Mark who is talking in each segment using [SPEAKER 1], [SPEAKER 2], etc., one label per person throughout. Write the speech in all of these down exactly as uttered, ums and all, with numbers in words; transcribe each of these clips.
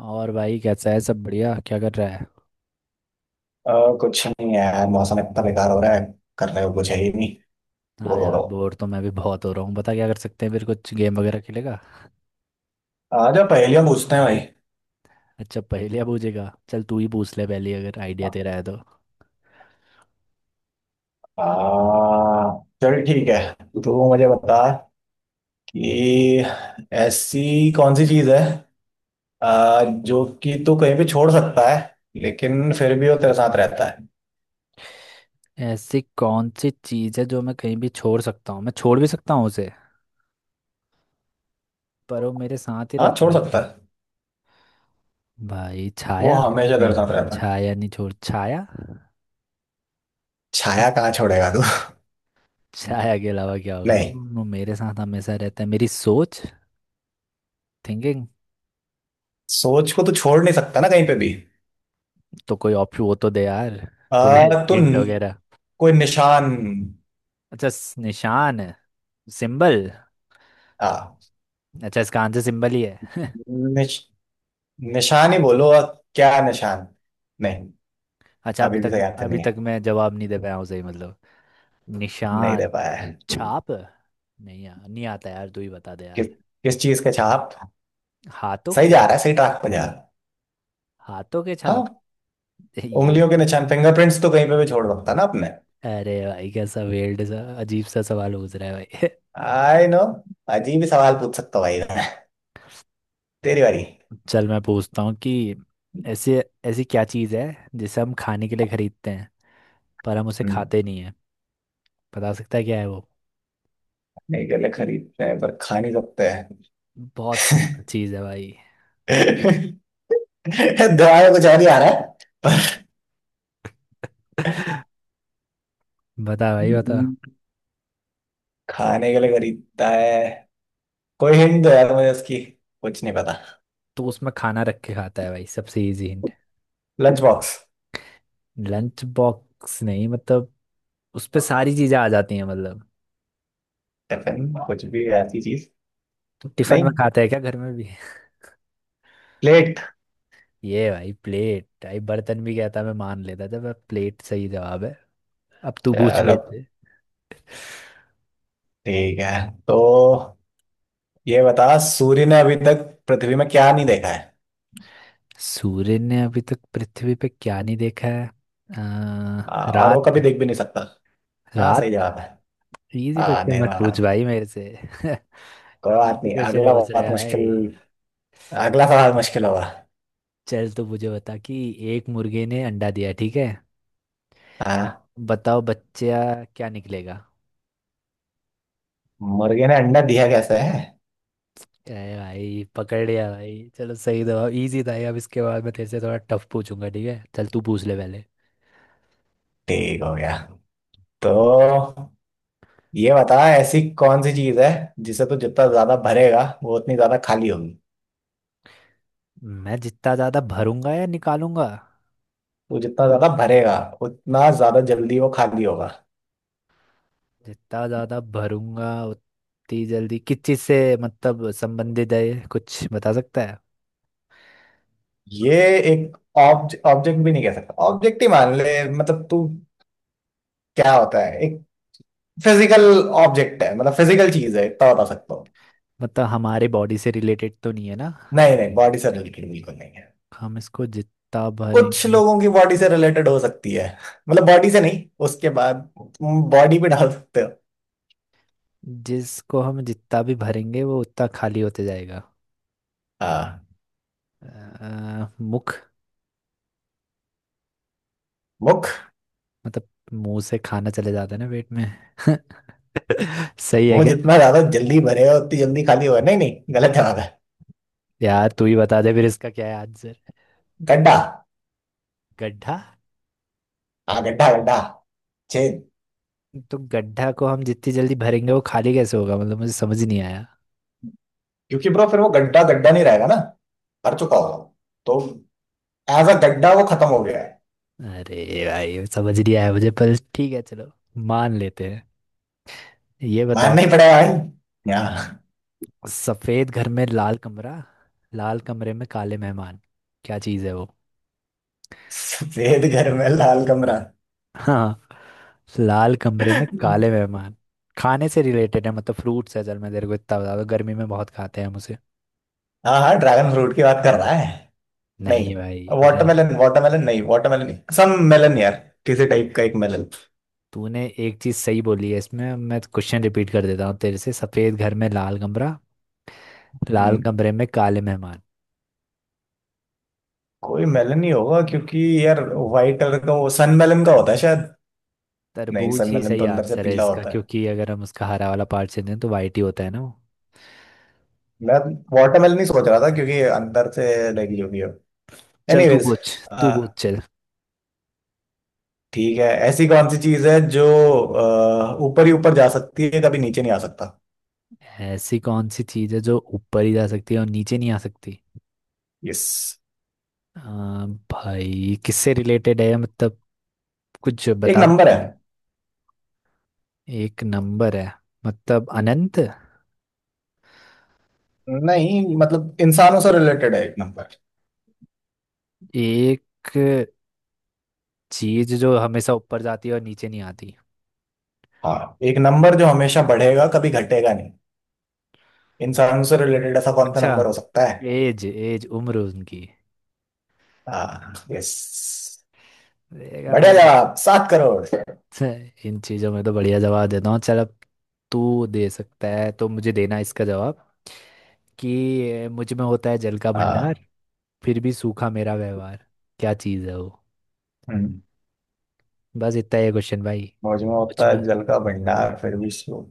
[SPEAKER 1] और भाई, कैसा है सब? बढ़िया? क्या कर रहा है?
[SPEAKER 2] अ, कुछ नहीं यार, मौसम इतना बेकार हो रहा है। करने को कुछ है ही नहीं।
[SPEAKER 1] हाँ
[SPEAKER 2] बोर हो
[SPEAKER 1] यार,
[SPEAKER 2] रहा हूँ।
[SPEAKER 1] बोर तो मैं भी बहुत हो रहा हूँ। बता, क्या कर सकते हैं? फिर कुछ गेम वगैरह खेलेगा?
[SPEAKER 2] आ जा पहेलियां पूछते हैं भाई।
[SPEAKER 1] अच्छा, पहेलियाँ पूछेगा? चल तू ही पूछ ले पहली, अगर आइडिया तेरा है तो।
[SPEAKER 2] आ, चल ठीक है, तू मुझे बता कि ऐसी कौन सी चीज है आ, जो कि तू कहीं भी छोड़ सकता है लेकिन फिर भी वो तेरे साथ रहता है।
[SPEAKER 1] ऐसी कौन सी चीज़ है जो मैं कहीं भी छोड़ सकता हूँ? मैं छोड़ भी सकता हूँ उसे, पर वो मेरे साथ ही
[SPEAKER 2] हाँ,
[SPEAKER 1] रहता
[SPEAKER 2] छोड़
[SPEAKER 1] है।
[SPEAKER 2] सकता है,
[SPEAKER 1] भाई,
[SPEAKER 2] वो
[SPEAKER 1] छाया।
[SPEAKER 2] हमेशा तेरे
[SPEAKER 1] नहीं,
[SPEAKER 2] साथ रहता है।
[SPEAKER 1] छाया नहीं छोड़, छाया।
[SPEAKER 2] छाया कहाँ छोड़ेगा तू?
[SPEAKER 1] छाया के अलावा क्या होगा?
[SPEAKER 2] नहीं,
[SPEAKER 1] वो मेरे साथ हमेशा रहता है, मेरी सोच। थिंकिंग।
[SPEAKER 2] सोच को तू छोड़ नहीं सकता ना कहीं पे भी।
[SPEAKER 1] तो कोई ऑप्शन वो तो दे यार। थोड़े
[SPEAKER 2] आ, तू न-
[SPEAKER 1] हिंट वगैरह।
[SPEAKER 2] कोई निशान।
[SPEAKER 1] अच्छा स- निशान है, सिंबल।
[SPEAKER 2] हाँ,
[SPEAKER 1] अच्छा, इसका आंसर सिंबल ही है?
[SPEAKER 2] निशान ही बोलो, और क्या निशान। नहीं,
[SPEAKER 1] अच्छा, अभी
[SPEAKER 2] अभी भी
[SPEAKER 1] तक
[SPEAKER 2] तो याद
[SPEAKER 1] अभी
[SPEAKER 2] नहीं
[SPEAKER 1] तक
[SPEAKER 2] है,
[SPEAKER 1] मैं जवाब नहीं दे पाया हूँ सही, मतलब।
[SPEAKER 2] नहीं
[SPEAKER 1] निशान।
[SPEAKER 2] दे पाया है।
[SPEAKER 1] छाप? नहीं यार, नहीं आता यार, तू ही बता दे यार।
[SPEAKER 2] किस किस चीज के छाप?
[SPEAKER 1] हाथों
[SPEAKER 2] सही
[SPEAKER 1] के।
[SPEAKER 2] जा रहा है, सही ट्रैक पे जा रहा है।
[SPEAKER 1] हाथों के
[SPEAKER 2] हाँ,
[SPEAKER 1] छाप। ये।
[SPEAKER 2] उंगलियों के निशान फिंगरप्रिंट्स तो कहीं पे भी छोड़ सकता ना अपने।
[SPEAKER 1] अरे भाई, कैसा वेल्ड सा अजीब सा सवाल पूछ रहा है भाई।
[SPEAKER 2] आई नो, अजीब ही सवाल पूछ सकता हूँ भाई मैं। तेरी बारी।
[SPEAKER 1] चल मैं पूछता हूँ कि ऐसे ऐसी क्या चीज़ है जिसे हम खाने के लिए खरीदते हैं पर हम उसे
[SPEAKER 2] हम्म,
[SPEAKER 1] खाते नहीं है। बता सकता है क्या है वो?
[SPEAKER 2] नहीं गले खरीदते हैं पर खा नहीं सकते हैं।
[SPEAKER 1] बहुत सिंपल चीज़ है भाई।
[SPEAKER 2] दवाई कुछ और ही आ रहा है।
[SPEAKER 1] बता भाई, बता।
[SPEAKER 2] हम्म, खाने के लिए खरीदता है, कोई हिंट दो यार मुझे इसकी, कुछ नहीं पता।
[SPEAKER 1] तो उसमें खाना रख के खाता है भाई, सबसे easy hint.
[SPEAKER 2] Lunch box.
[SPEAKER 1] Lunch box नहीं, मतलब उस पे सारी चीजें आ जाती हैं, मतलब।
[SPEAKER 2] टिफिन कुछ भी ऐसी चीज।
[SPEAKER 1] टिफिन में
[SPEAKER 2] नहीं,
[SPEAKER 1] खाता है क्या घर में भी?
[SPEAKER 2] प्लेट।
[SPEAKER 1] ये भाई, प्लेट भाई? बर्तन भी कहता मैं मान लेता था। मैं, प्लेट सही जवाब है। अब तू पूछ
[SPEAKER 2] चलो
[SPEAKER 1] बेटे।
[SPEAKER 2] ठीक है, तो ये बता सूर्य ने अभी तक पृथ्वी में क्या नहीं देखा है,
[SPEAKER 1] सूर्य ने अभी तक पृथ्वी पे क्या नहीं देखा है? अ,
[SPEAKER 2] आ, और
[SPEAKER 1] रात।
[SPEAKER 2] वो कभी देख भी नहीं सकता। हाँ, सही
[SPEAKER 1] रात।
[SPEAKER 2] जवाब है।
[SPEAKER 1] इजी
[SPEAKER 2] हाँ,
[SPEAKER 1] क्वेश्चन मत
[SPEAKER 2] अंधेरा हो
[SPEAKER 1] पूछ
[SPEAKER 2] रहा।
[SPEAKER 1] भाई मेरे से।
[SPEAKER 2] कोई बात
[SPEAKER 1] इजी
[SPEAKER 2] नहीं,
[SPEAKER 1] क्वेश्चन
[SPEAKER 2] अगला
[SPEAKER 1] पूछ रहा
[SPEAKER 2] बहुत
[SPEAKER 1] है
[SPEAKER 2] मुश्किल,
[SPEAKER 1] भाई।
[SPEAKER 2] अगला सवाल मुश्किल होगा।
[SPEAKER 1] चल तो मुझे बता कि एक मुर्गे ने अंडा दिया, ठीक है?
[SPEAKER 2] हाँ,
[SPEAKER 1] बताओ बच्चा, क्या निकलेगा?
[SPEAKER 2] मुर्गे ने अंडा दिया कैसे है?
[SPEAKER 1] अरे भाई, पकड़ लिया भाई। चलो, सही जवाब। इजी था ये। अब इसके बाद मैं तेरे से थोड़ा टफ पूछूंगा, ठीक है? चल तू पूछ ले पहले।
[SPEAKER 2] ठीक हो गया, तो ये बता ऐसी कौन सी चीज है जिसे तू जितना ज्यादा भरेगा वो उतनी ज्यादा खाली होगी।
[SPEAKER 1] मैं जितना ज्यादा भरूंगा या निकालूंगा?
[SPEAKER 2] तू जितना ज्यादा भरेगा उतना ज्यादा जल्दी वो खाली होगा।
[SPEAKER 1] जितना ज्यादा भरूंगा उतनी जल्दी किस चीज से, मतलब संबंधित है ये? कुछ बता सकता है?
[SPEAKER 2] ये एक ऑब्जेक्ट भी नहीं कह सकता, ऑब्जेक्ट ही मान ले, मतलब तू क्या होता है, एक फिजिकल ऑब्जेक्ट है, मतलब फिजिकल चीज है, इतना बता सकता हूँ।
[SPEAKER 1] मतलब हमारे बॉडी से रिलेटेड तो नहीं है ना?
[SPEAKER 2] नहीं नहीं, बॉडी से रिलेटेड बिल्कुल नहीं है।
[SPEAKER 1] हम इसको जितना
[SPEAKER 2] कुछ
[SPEAKER 1] भरेंगे।
[SPEAKER 2] लोगों की बॉडी से रिलेटेड हो सकती है, मतलब बॉडी से नहीं, उसके बाद तुम बॉडी भी डाल सकते हो।
[SPEAKER 1] जिसको हम जितना भी भरेंगे वो उतना खाली होते जाएगा।
[SPEAKER 2] हाँ,
[SPEAKER 1] अ, मुख।
[SPEAKER 2] मुख,
[SPEAKER 1] मतलब मुंह से खाना चले जाता है ना पेट में। सही है
[SPEAKER 2] मुंह
[SPEAKER 1] क्या?
[SPEAKER 2] जितना ज्यादा जल्दी भरे हो उतनी जल्दी खाली हो? नहीं नहीं, गलत जवाब है।
[SPEAKER 1] यार तू ही बता दे फिर, इसका क्या है आंसर?
[SPEAKER 2] गड्ढा।
[SPEAKER 1] गड्ढा?
[SPEAKER 2] हाँ, गड्ढा गड्ढा, छेद।
[SPEAKER 1] तो गड्ढा को हम जितनी जल्दी भरेंगे वो खाली कैसे होगा? मतलब, मुझे समझ नहीं आया।
[SPEAKER 2] क्योंकि ब्रो फिर वो गड्ढा गड्ढा नहीं रहेगा ना, भर चुका होगा वो। तो एज अ गड्ढा वो खत्म हो गया है।
[SPEAKER 1] अरे भाई, समझ नहीं आया मुझे, पर ठीक है, चलो। मान लेते हैं। ये बताओ
[SPEAKER 2] मानना ही
[SPEAKER 1] ना।
[SPEAKER 2] पड़ेगा भाई, यहाँ।
[SPEAKER 1] सफेद घर में लाल कमरा। लाल कमरे में काले मेहमान। क्या चीज है वो?
[SPEAKER 2] सफेद घर में लाल कमरा,
[SPEAKER 1] हाँ। लाल कमरे में काले मेहमान। खाने से रिलेटेड है, मतलब फ्रूट्स है। चल मैं तेरे को इतना बता दूं, गर्मी में बहुत खाते हैं हम उसे।
[SPEAKER 2] हाँ हाँ ड्रैगन फ्रूट की बात कर रहा है? नहीं,
[SPEAKER 1] नहीं भाई। दे-
[SPEAKER 2] वाटरमेलन, वाटरमेलन नहीं, वाटरमेलन नहीं सम मेलन यार, किसी टाइप का एक मेलन।
[SPEAKER 1] तूने एक चीज सही बोली है इसमें। मैं क्वेश्चन रिपीट कर देता हूँ तेरे से। सफेद घर में लाल कमरा। लाल
[SPEAKER 2] हम्म
[SPEAKER 1] कमरे में काले मेहमान।
[SPEAKER 2] कोई मेलन ही होगा, क्योंकि यार व्हाइट कलर का वो सन मेलन का होता है शायद। नहीं,
[SPEAKER 1] तरबूज
[SPEAKER 2] सन
[SPEAKER 1] ही
[SPEAKER 2] मेलन
[SPEAKER 1] सही
[SPEAKER 2] तो अंदर से
[SPEAKER 1] आंसर है
[SPEAKER 2] पीला
[SPEAKER 1] इसका,
[SPEAKER 2] होता है,
[SPEAKER 1] क्योंकि अगर हम उसका हरा वाला पार्ट से दें तो वाइट ही होता है ना वो।
[SPEAKER 2] मैं वाटरमेलन ही सोच रहा था क्योंकि अंदर से लगी होगी।
[SPEAKER 1] चल तू
[SPEAKER 2] एनीवेज
[SPEAKER 1] पूछ। तू पूछ, चल।
[SPEAKER 2] ठीक है, ऐसी कौन सी चीज है जो अ, ऊपर ही ऊपर जा सकती है कभी नीचे नहीं आ सकता?
[SPEAKER 1] ऐसी कौन सी चीज है जो ऊपर ही जा सकती है और नीचे नहीं आ सकती?
[SPEAKER 2] यस,
[SPEAKER 1] आ, भाई किससे रिलेटेड है, मतलब? कुछ
[SPEAKER 2] एक
[SPEAKER 1] बता
[SPEAKER 2] नंबर है।
[SPEAKER 1] सकते हैं? एक नंबर है? मतलब अनंत?
[SPEAKER 2] नहीं मतलब, इंसानों से रिलेटेड है एक नंबर।
[SPEAKER 1] एक चीज जो हमेशा ऊपर जाती है और नीचे नहीं आती?
[SPEAKER 2] हाँ, एक नंबर जो हमेशा बढ़ेगा कभी घटेगा नहीं। इंसानों से रिलेटेड ऐसा कौन सा
[SPEAKER 1] अच्छा।
[SPEAKER 2] नंबर हो सकता है?
[SPEAKER 1] एज एज उम्र उनकी।
[SPEAKER 2] हाँ, यस।
[SPEAKER 1] देखा
[SPEAKER 2] बढ़िया
[SPEAKER 1] भाई!
[SPEAKER 2] जवाब, सात करोड़।
[SPEAKER 1] छे, इन चीजों में तो बढ़िया जवाब देता हूँ। चल अब, तू दे सकता है तो मुझे देना इसका जवाब कि अ, मुझ में होता है जल का भंडार,
[SPEAKER 2] हाँ,
[SPEAKER 1] फिर भी सूखा मेरा व्यवहार। क्या चीज है वो?
[SPEAKER 2] हम्म
[SPEAKER 1] बस इतना ही है क्वेश्चन भाई।
[SPEAKER 2] मौज में
[SPEAKER 1] मुझ
[SPEAKER 2] होता
[SPEAKER 1] में।
[SPEAKER 2] है जल का भंडार, फिर भी slow।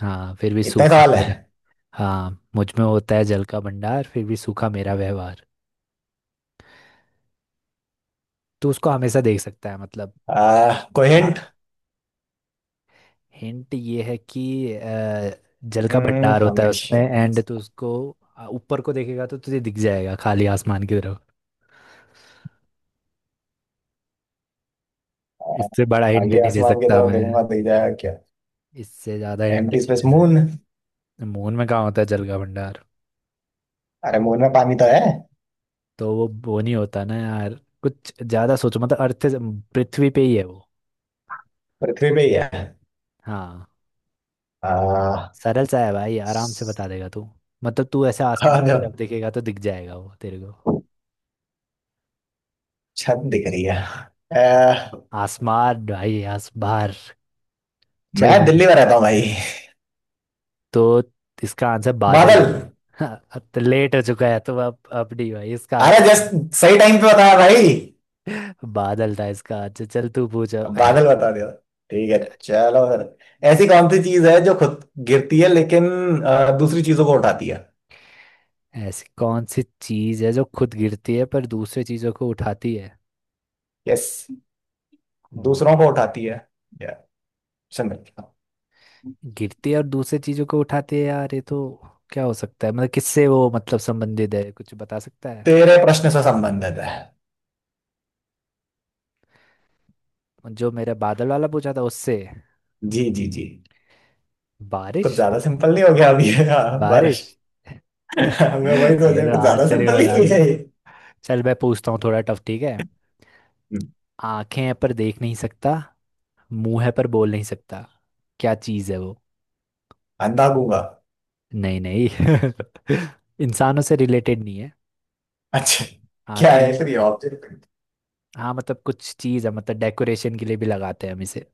[SPEAKER 1] हाँ, फिर भी
[SPEAKER 2] इतने
[SPEAKER 1] सूखा
[SPEAKER 2] सवाल है।
[SPEAKER 1] मेरा। हाँ, मुझ में होता है जल का भंडार, फिर भी सूखा मेरा व्यवहार। तो उसको हमेशा देख सकता है, मतलब।
[SPEAKER 2] आ, कोई हिंट।
[SPEAKER 1] हिंट ये है कि अ, जल का
[SPEAKER 2] हम्म
[SPEAKER 1] भंडार होता है
[SPEAKER 2] हमेशा।
[SPEAKER 1] उसमें, एंड तो उसको अ, ऊपर को देखेगा तो तुझे दिख जाएगा, खाली आसमान की तरफ। इससे बड़ा हिंट
[SPEAKER 2] आगे
[SPEAKER 1] नहीं दे
[SPEAKER 2] आसमान की
[SPEAKER 1] सकता
[SPEAKER 2] तरफ
[SPEAKER 1] मैं।
[SPEAKER 2] देखूंगा दिख जाएगा?
[SPEAKER 1] इससे ज्यादा हिंट
[SPEAKER 2] एम्प्टी
[SPEAKER 1] नहीं
[SPEAKER 2] स्पेस,
[SPEAKER 1] दे
[SPEAKER 2] मून।
[SPEAKER 1] सकता। मून में कहाँ होता है जल का भंडार?
[SPEAKER 2] अरे मून में पानी तो है।
[SPEAKER 1] तो वो वो नहीं होता ना यार। कुछ ज्यादा सोचो, मतलब अर्थ से- पृथ्वी पे ही है वो।
[SPEAKER 2] पृथ्वी पे ही है।
[SPEAKER 1] हाँ।
[SPEAKER 2] आ,
[SPEAKER 1] सरल सा है भाई,
[SPEAKER 2] आ,
[SPEAKER 1] आराम से बता देगा तू। मतलब तू ऐसे आसमान की
[SPEAKER 2] जो
[SPEAKER 1] तरफ देखेगा तो दिख जाएगा वो तेरे को।
[SPEAKER 2] छत दिख रही है, आ,
[SPEAKER 1] आसमान भाई, आसबार। चल
[SPEAKER 2] मैं
[SPEAKER 1] मैं,
[SPEAKER 2] दिल्ली में रहता हूँ भाई।
[SPEAKER 1] तो इसका आंसर बादल
[SPEAKER 2] बादल?
[SPEAKER 1] है। हाँ, अब तो लेट हो चुका है तो अब अब नहीं भाई, इसका
[SPEAKER 2] अरे
[SPEAKER 1] आंसर बा-
[SPEAKER 2] जस्ट, सही टाइम पे बताया भाई,
[SPEAKER 1] बादल था इसका आंसर। चल तू पूछ अब।
[SPEAKER 2] अब बादल बता दिया। ठीक है चलो फिर, ऐसी कौन सी चीज है जो खुद गिरती है लेकिन आ, दूसरी चीजों को उठाती है?
[SPEAKER 1] ऐसी कौन सी चीज है जो खुद गिरती है पर दूसरे चीजों को उठाती है?
[SPEAKER 2] यस,
[SPEAKER 1] हम्म,
[SPEAKER 2] दूसरों
[SPEAKER 1] ये
[SPEAKER 2] को उठाती है। या चंद्र?
[SPEAKER 1] गिरती है और दूसरे चीजों को उठाती है, यार ये तो क्या हो सकता है, मतलब किससे वो मतलब संबंधित है? कुछ बता सकता है?
[SPEAKER 2] तेरे प्रश्न से संबंधित है।
[SPEAKER 1] जो मेरा बादल वाला पूछा था उससे?
[SPEAKER 2] जी जी जी, कुछ
[SPEAKER 1] बारिश?
[SPEAKER 2] ज्यादा सिंपल नहीं हो गया अभी ये? हाँ,
[SPEAKER 1] बारिश।
[SPEAKER 2] बारिश। मैं वही सोच
[SPEAKER 1] ये
[SPEAKER 2] रहा
[SPEAKER 1] तो
[SPEAKER 2] हूँ, कुछ ज्यादा
[SPEAKER 1] आश्चर्य,
[SPEAKER 2] सिंपल
[SPEAKER 1] बता
[SPEAKER 2] नहीं
[SPEAKER 1] दे।
[SPEAKER 2] है ये।
[SPEAKER 1] चल मैं पूछता हूँ थोड़ा टफ, ठीक है।
[SPEAKER 2] हम्म,
[SPEAKER 1] आंखें हैं पर देख नहीं सकता। मुंह है पर बोल नहीं सकता। क्या चीज है वो?
[SPEAKER 2] अंधा गूंगा।
[SPEAKER 1] नहीं, नहीं। इंसानों से रिलेटेड नहीं है।
[SPEAKER 2] अच्छा, क्या है
[SPEAKER 1] आंखें,
[SPEAKER 2] फिर ये ऑब्जेक्ट?
[SPEAKER 1] हाँ, मतलब कुछ चीज है, मतलब डेकोरेशन के लिए भी लगाते हैं हम इसे।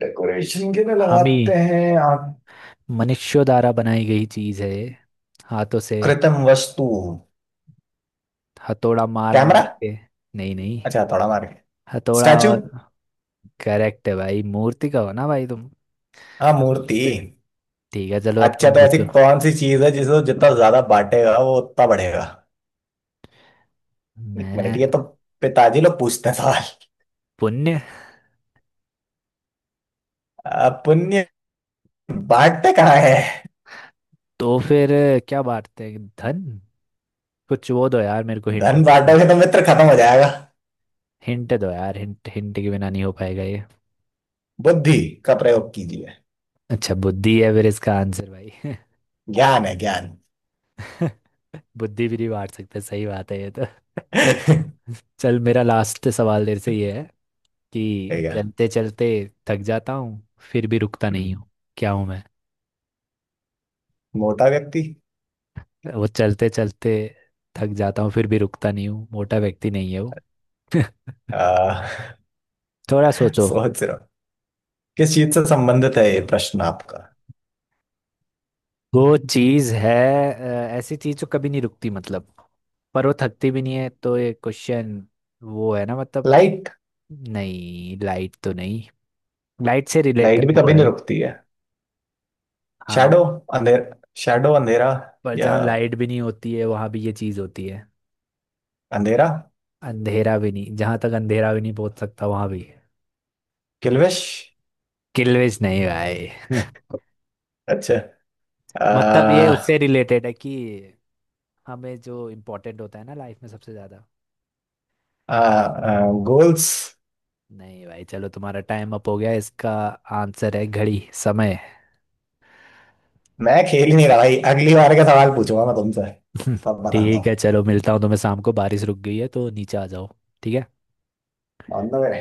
[SPEAKER 2] डेकोरेशन के लिए
[SPEAKER 1] हम ही,
[SPEAKER 2] लगाते हैं आप?
[SPEAKER 1] मनुष्यों द्वारा बनाई गई चीज है ये। हाथों से,
[SPEAKER 2] कृत्रिम वस्तु।
[SPEAKER 1] हथौड़ा मार
[SPEAKER 2] कैमरा?
[SPEAKER 1] मार के। नहीं, नहीं।
[SPEAKER 2] अच्छा थोड़ा मार के,
[SPEAKER 1] हथौड़ा
[SPEAKER 2] स्टैचू।
[SPEAKER 1] और? करेक्ट है भाई, मूर्ति का हो ना भाई तुम?
[SPEAKER 2] हाँ, मूर्ति।
[SPEAKER 1] ठीक है चलो, अब
[SPEAKER 2] अच्छा,
[SPEAKER 1] तुम
[SPEAKER 2] तो ऐसी
[SPEAKER 1] पूछो।
[SPEAKER 2] कौन सी चीज है जिसे जितना ज्यादा बांटेगा वो उतना बढ़ेगा? एक मिनट
[SPEAKER 1] मैं।
[SPEAKER 2] ये तो पिताजी लोग पूछते हैं सवाल।
[SPEAKER 1] पुण्य।
[SPEAKER 2] आ, पुण्य बांटते कहाँ है?
[SPEAKER 1] तो फिर क्या बांटते हैं, धन? कुछ वो दो यार मेरे को, हिंट।
[SPEAKER 2] धन बांटोगे तो मित्र खत्म हो जाएगा।
[SPEAKER 1] हिंट दो यार, हिंट हिंट के बिना नहीं हो पाएगा ये।
[SPEAKER 2] बुद्धि का प्रयोग कीजिए।
[SPEAKER 1] अच्छा, बुद्धि है फिर इसका आंसर भाई?
[SPEAKER 2] ज्ञान है ज्ञान।
[SPEAKER 1] बुद्धि भी नहीं बांट सकते, सही बात है ये तो। चल मेरा लास्ट सवाल देर से ये है कि
[SPEAKER 2] ठीक है।
[SPEAKER 1] चलते चलते थक जाता हूँ, फिर भी रुकता नहीं
[SPEAKER 2] हम्म,
[SPEAKER 1] हूँ। क्या हूँ मैं?
[SPEAKER 2] मोटा व्यक्ति।
[SPEAKER 1] वो चलते चलते थक जाता हूँ फिर भी रुकता नहीं हूँ, मोटा व्यक्ति नहीं है वो।
[SPEAKER 2] आ,
[SPEAKER 1] थोड़ा सोचो।
[SPEAKER 2] सोच रहा हूँ। किस चीज से संबंधित है ये प्रश्न आपका?
[SPEAKER 1] वो चीज है, अ, ऐसी चीज जो कभी नहीं रुकती, मतलब पर वो थकती भी नहीं है, तो ये क्वेश्चन वो है ना, मतलब।
[SPEAKER 2] लाइट?
[SPEAKER 1] नहीं लाइट तो नहीं, लाइट से
[SPEAKER 2] लाइट
[SPEAKER 1] रिलेटेड
[SPEAKER 2] भी
[SPEAKER 1] वो
[SPEAKER 2] कभी
[SPEAKER 1] है।
[SPEAKER 2] नहीं रुकती है।
[SPEAKER 1] हाँ।
[SPEAKER 2] शैडो अंधेर, शैडो अंधेरा।
[SPEAKER 1] पर
[SPEAKER 2] या
[SPEAKER 1] जहाँ लाइट भी नहीं होती है वहां भी ये चीज होती है।
[SPEAKER 2] अंधेरा?
[SPEAKER 1] अंधेरा भी नहीं, जहां तक अंधेरा भी नहीं पहुंच सकता वहां भी।
[SPEAKER 2] किल्विश?
[SPEAKER 1] किल्वेज नहीं भाई।
[SPEAKER 2] अच्छा।
[SPEAKER 1] मतलब ये
[SPEAKER 2] आ,
[SPEAKER 1] उससे रिलेटेड है कि हमें जो इम्पोर्टेंट होता है ना लाइफ में सबसे ज्यादा।
[SPEAKER 2] आ, आ, गोल्स?
[SPEAKER 1] नहीं भाई, चलो तुम्हारा टाइम अप हो गया। इसका आंसर है घड़ी, समय।
[SPEAKER 2] मैं खेल ही नहीं रहा भाई, अगली बार का सवाल पूछूंगा मैं तुमसे, तब बताता
[SPEAKER 1] ठीक
[SPEAKER 2] हूँ।
[SPEAKER 1] है, चलो मिलता हूँ तुम्हें शाम को। बारिश रुक गई है तो नीचे आ जाओ। ठीक है।
[SPEAKER 2] On the way.